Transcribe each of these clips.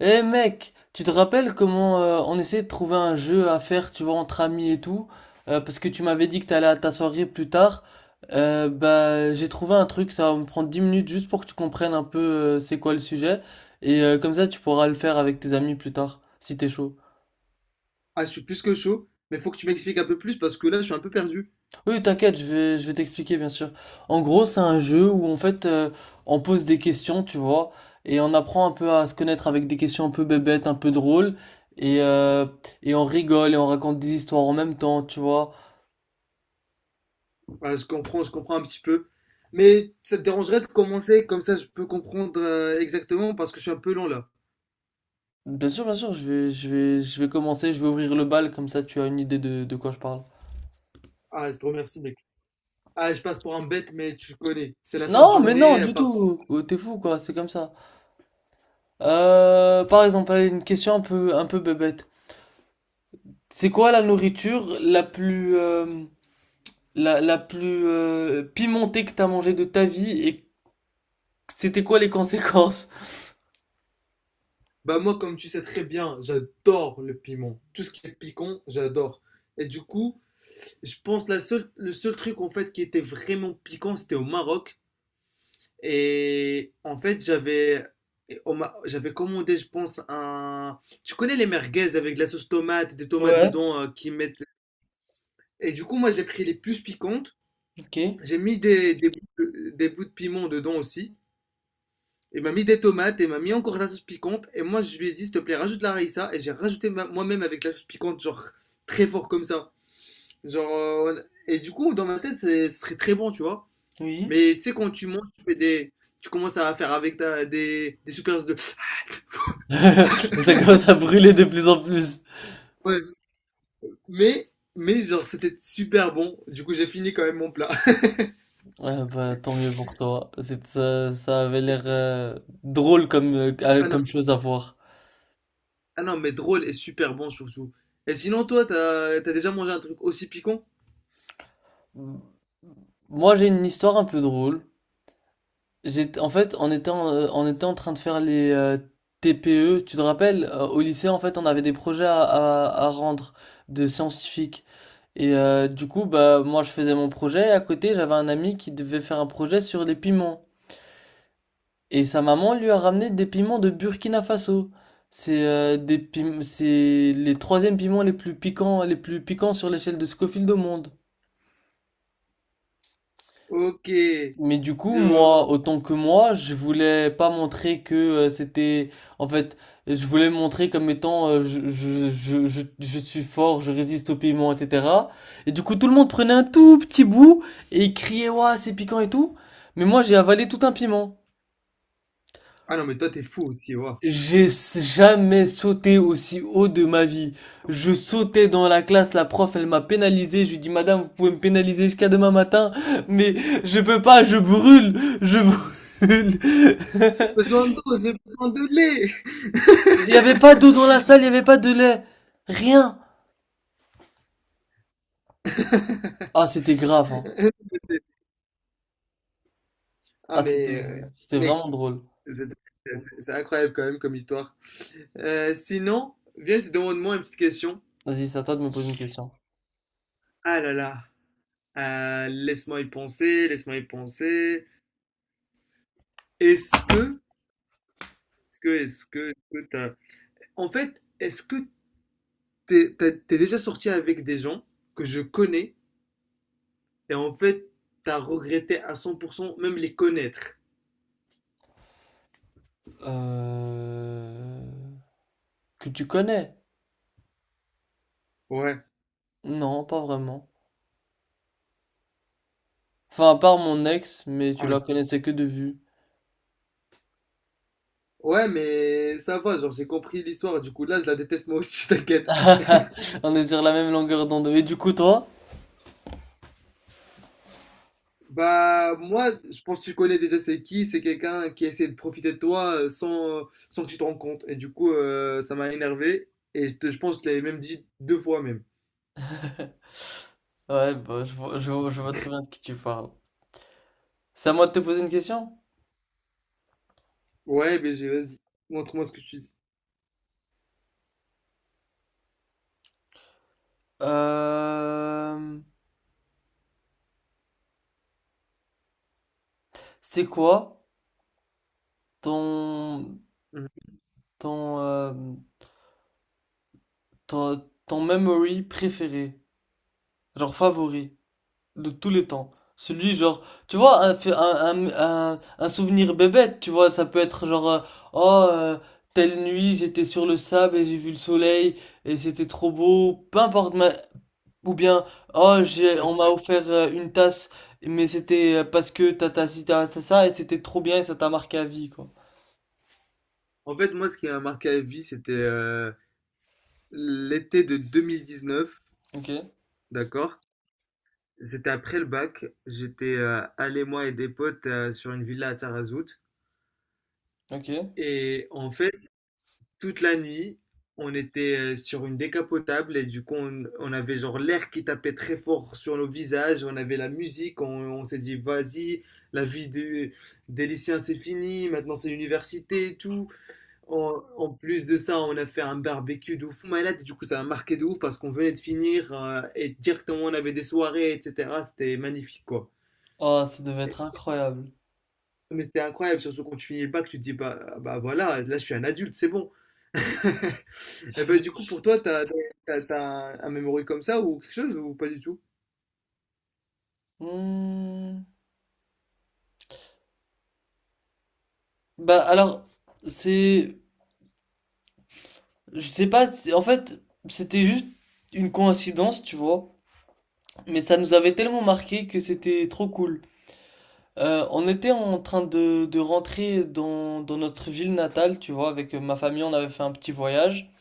Eh mec, tu te rappelles comment on essayait de trouver un jeu à faire, tu vois, entre amis et tout, parce que tu m'avais dit que t'allais à ta soirée plus tard. Bah, j'ai trouvé un truc, ça va me prendre 10 minutes juste pour que tu comprennes un peu c'est quoi le sujet, et comme ça tu pourras le faire avec tes amis plus tard, si t'es chaud. Ah, je suis plus que chaud, mais faut que tu m'expliques un peu plus parce que là, je suis un peu perdu. Oui, t'inquiète, je vais t'expliquer, bien sûr. En gros, c'est un jeu où, en fait, on pose des questions, tu vois, et on apprend un peu à se connaître avec des questions un peu bébêtes, un peu drôles, et, euh, et on rigole et on raconte des histoires en même temps, tu vois. Voilà, je comprends un petit peu. Mais ça te dérangerait de commencer comme ça, je peux comprendre exactement parce que je suis un peu lent là. Bien sûr, je vais commencer, je vais ouvrir le bal, comme ça tu as une idée de quoi je parle. Ah, je te remercie, mec. Ah, je passe pour un bête, mais tu connais. C'est la fin de Non, mais non, journée, du parfois. tout. Oh, t'es fou, quoi, c'est comme ça. Par exemple, allez, une question un peu bébête. C'est quoi la nourriture la plus, la plus pimentée que t'as mangée de ta vie et c'était quoi les conséquences? Bah, moi, comme tu sais très bien, j'adore le piment. Tout ce qui est piquant, j'adore. Et du coup, je pense le seul truc en fait qui était vraiment piquant, c'était au Maroc. Et en fait, j'avais et on m'a- j'avais commandé, je pense, un... Tu connais les merguez avec de la sauce tomate, des tomates Ouais, dedans qui mettent... Et du coup, moi, j'ai pris les plus piquantes. ok, J'ai mis des bouts de piment dedans aussi. Il m'a mis des tomates et m'a mis encore de la sauce piquante. Et moi, je lui ai dit, s'il te plaît, rajoute la raïssa. Et j'ai rajouté moi-même avec la sauce piquante, genre très fort comme ça. Genre, euh, Et du coup, dans ma tête, ce serait très bon, tu vois. oui. Mais tu sais, quand tu montes, tu commences à faire avec des soupiraux de. Ça commence à brûler de plus en plus. Ouais, mais genre, c'était super bon. Du coup, j'ai fini quand même mon plat. Ouais, bah tant mieux pour toi. C'est, ça avait l'air drôle comme, Ah non, comme chose à voir. ah non, mais drôle et super bon surtout. Et sinon, toi, t'as déjà mangé un truc aussi piquant? Moi, j'ai une histoire un peu drôle. J'étais, en fait, on était en, On était en train de faire les TPE. Tu te rappelles, au lycée, en fait, on avait des projets à rendre de scientifiques. Et du coup, bah, moi, je faisais mon projet. Et à côté, j'avais un ami qui devait faire un projet sur les piments. Et sa maman lui a ramené des piments de Burkina Faso. C'est c'est les troisièmes piments les plus piquants sur l'échelle de Scofield au monde. Ok, Mais du coup, je vois. moi, autant que moi, je voulais pas montrer que c'était... En fait, je voulais me montrer comme étant je suis fort, je résiste au piment, etc. Et du coup, tout le monde prenait un tout petit bout et il criait, ouah, c'est piquant et tout. Mais moi, j'ai avalé tout un piment. Ah non, mais toi, t'es fou aussi, waouh. Jamais sauté aussi haut de ma vie. Je sautais dans la classe, la prof, elle m'a pénalisé. Je lui ai dit, Madame, vous pouvez me pénaliser jusqu'à demain matin, mais je peux pas, je brûle, je brûle. J'ai besoin d'eau, j'ai besoin de lait. Il y avait pas d'eau dans la salle, il y avait pas de lait, rien. Ah, c'était grave, hein. Ah, Ah, c'était, C'était mais vraiment drôle. c'est c'est incroyable quand même comme histoire. Sinon, viens, je te demande moi une petite question. Vas-y, c'est à toi de me poser une question. Ah là là, laisse-moi y penser. Est-ce que, est-ce que, est-ce que, est-ce que t'as- En fait, est-ce que t'es déjà sorti avec des gens que je connais et en fait, t'as regretté à 100% même les connaître. Euh... Que tu connais? Ouais. Non, pas vraiment. Enfin, à part mon ex, mais tu Ouais, la connaissais que de vue. Ouais, mais ça va, genre j'ai compris l'histoire, du coup là je la déteste moi aussi, t'inquiète. On est sur la même longueur d'onde. Et du coup, toi? Bah moi, je pense que tu connais déjà c'est qui, c'est quelqu'un qui essaie de profiter de toi sans que tu te rendes compte. Et du coup, ça m'a énervé et je pense que je l'avais même dit deux fois même. Ouais, bah, je vois très bien de qui tu parles. C'est à moi de te poser une question? Ouais, BG, vas-y, montre-moi ce que tu dis. Euh, c'est quoi ton, Mhm. ton, euh, ton memory préféré? Genre favori de tous les temps? Celui genre, tu vois, un, fait- un souvenir bébête, tu vois, ça peut être genre, oh, euh, telle nuit, j'étais sur le sable et j'ai vu le soleil et c'était trop beau. Peu importe. Ou bien, oh, En on m'a offert une tasse, mais c'était parce que t'as ci, t'as ça, et c'était trop bien, et ça t'a marqué à vie, quoi. en fait, moi, ce qui m'a marqué à vie, c'était l'été de 2019, Ok, d'accord? C'était après le bac. J'étais allé, moi et des potes, sur une villa à Tarazout. ok. Et en fait, toute la nuit, on était sur une décapotable. Et du coup, on avait genre l'air qui tapait très fort sur nos visages. On avait la musique. On s'est dit, vas-y, la vie de, des lycéens, c'est fini. Maintenant, c'est l'université et tout. En plus de ça, on a fait un barbecue de ouf malade, et du coup ça a marqué de ouf parce qu'on venait de finir et directement on avait des soirées, etc. C'était magnifique quoi. Oh, ça devait Et- être incroyable. mais c'était incroyable, surtout quand tu finis le bac, tu te dis bah, ah bah voilà, là je suis un adulte, c'est bon. Et bah du coup pour toi, t'as un memory comme ça ou quelque chose ou pas du tout? Hmm. Bah, alors, c'est... Je sais pas, en fait, c'était juste une coïncidence, tu vois. Mais ça nous avait tellement marqué que c'était trop cool. On était en train de rentrer dans notre ville natale, tu vois, avec ma famille, on avait fait un petit voyage.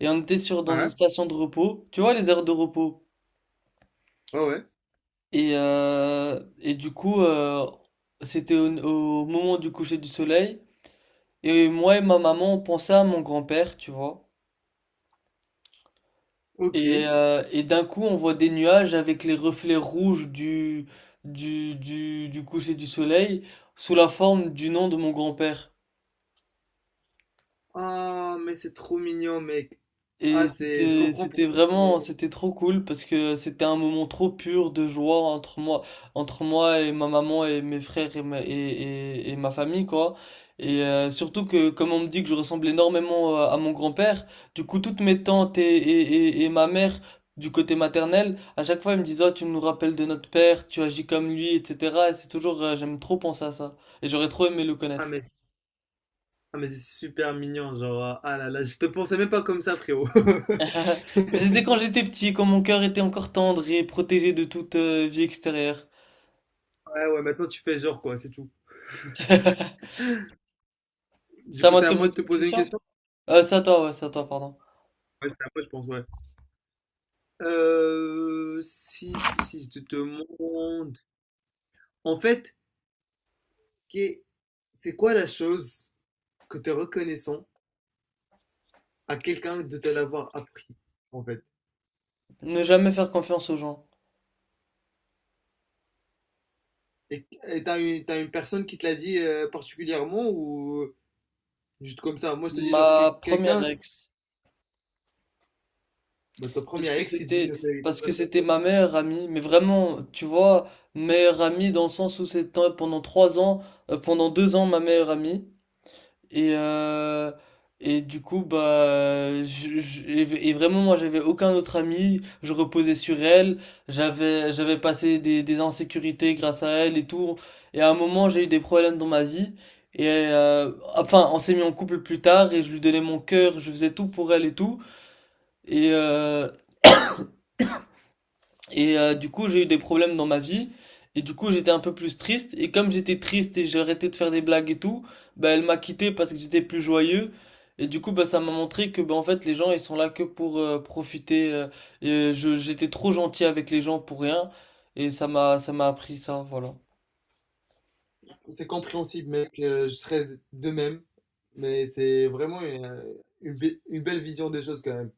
Et on était sur, dans une Ouais. station de repos, tu vois, les aires de repos. Ouais. Et du coup, c'était au moment du coucher du soleil. Et moi et ma maman, on pensait à mon grand-père, tu vois. Ok. Et d'un coup, on voit des nuages avec les reflets rouges du coucher du soleil sous la forme du nom de mon grand-père. Ah mais c'est trop mignon mec. Et Ah c'est, je c'était comprends c'était pourquoi. C'est- vraiment c'était trop cool parce que c'était un moment trop pur de joie entre moi et ma maman et mes frères et ma famille quoi. Et surtout que comme on me dit que je ressemble énormément à mon grand-père, du coup toutes mes tantes et ma mère du côté maternel, à chaque fois ils me disent «Oh, tu nous rappelles de notre père, tu agis comme lui, etc.» Et c'est toujours j'aime trop penser à ça et j'aurais trop aimé le Ah connaître. mais c'est super mignon, genre, ah là là, je te pensais même pas comme ça, frérot. Mais c'était quand j'étais petit, quand mon cœur était encore tendre et protégé de toute vie extérieure. Ouais, maintenant tu fais genre quoi, c'est tout. Du Ça coup, m'a c'est te à moi de poser te une poser une question? question? C'est à toi, ouais, c'est à toi, pardon. Ouais, c'est à moi, je pense, ouais. Si, si, si, Je te demande. En fait, qu'est- c'est quoi la chose que tu es reconnaissant à quelqu'un de te l'avoir appris, en fait? Ne jamais faire confiance aux gens. Et t'as t'as une personne qui te l'a dit particulièrement ou juste comme ça? Moi, je te dis Ma première quelqu'un, ex, bah, ton parce premier que ex qui te dit. c'était, parce que c'était ma meilleure amie, mais vraiment, tu vois, meilleure amie dans le sens où c'était pendant 3 ans, pendant 2 ans ma meilleure amie. Et, euh, et du coup, bah, et vraiment, moi, j'avais aucun autre ami. Je reposais sur elle. J'avais passé des insécurités grâce à elle et tout. Et à un moment, j'ai eu des problèmes dans ma vie. Et enfin, on s'est mis en couple plus tard et je lui donnais mon cœur. Je faisais tout pour elle et tout. Et, euh, du coup, j'ai eu des problèmes dans ma vie. Et du coup, j'étais un peu plus triste. Et comme j'étais triste et j'ai arrêté de faire des blagues et tout, bah, elle m'a quitté parce que j'étais plus joyeux. Et du coup, bah, ça m'a montré que, bah, en fait, les gens, ils sont là que pour profiter. Et j'étais trop gentil avec les gens pour rien. Et ça m'a appris ça, voilà. C'est compréhensible, mec. Je serais de même. Mais c'est vraiment une belle vision des choses quand même.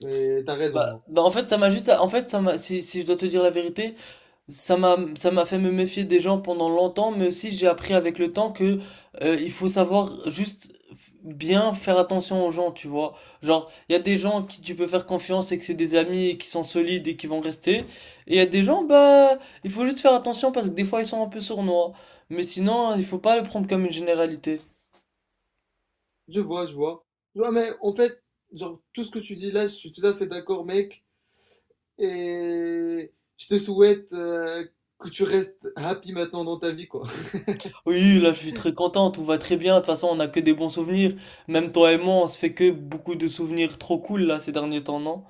Mais t'as Bah, raison, hein. bah, en fait, ça m'a juste, en fait, ça m'a, Si, si je dois te dire la vérité, ça m'a fait me méfier des gens pendant longtemps, mais aussi j'ai appris avec le temps que il faut savoir juste bien faire attention aux gens, tu vois. Genre, il y a des gens qui tu peux faire confiance et que c'est des amis et qui sont solides et qui vont rester. Et il y a des gens, bah, il faut juste faire attention parce que des fois ils sont un peu sournois. Mais sinon, il faut pas le prendre comme une généralité. Je vois. Je vois, mais en fait, genre, tout ce que tu dis là, je suis tout à fait d'accord, mec. Et je te souhaite que tu restes happy maintenant dans ta vie, quoi. Oui, là, je suis très content, tout va très bien. De toute façon, on a que des bons souvenirs. Même toi et moi, on se fait que beaucoup de souvenirs trop cool là ces derniers temps, non?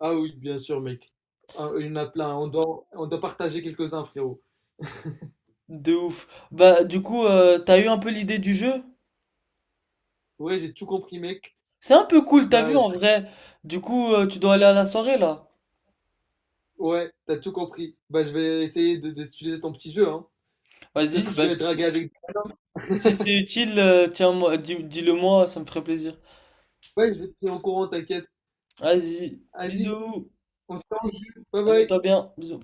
Ah oui, bien sûr, mec. Ah, il y en a plein. On doit partager quelques-uns, frérot. De ouf. Bah, du coup, t'as eu un peu l'idée du jeu? Ouais, j'ai tout compris, mec. C'est un peu cool, t'as Bah, vu je en serais- vrai. Du coup, tu dois aller à la soirée là. Ouais, t'as tout compris. Bah, je vais essayer d'utiliser ton petit jeu, hein. Peut-être Vas-y, que je bah vais draguer si, avec des nanas. si c'est utile, dis, le moi ça me ferait plaisir. Ouais, je vais te tenir au courant, t'inquiète. Vas-y, Vas-y, bisous, on se tient au jus. Bye bye. amuse-toi bien, bisous.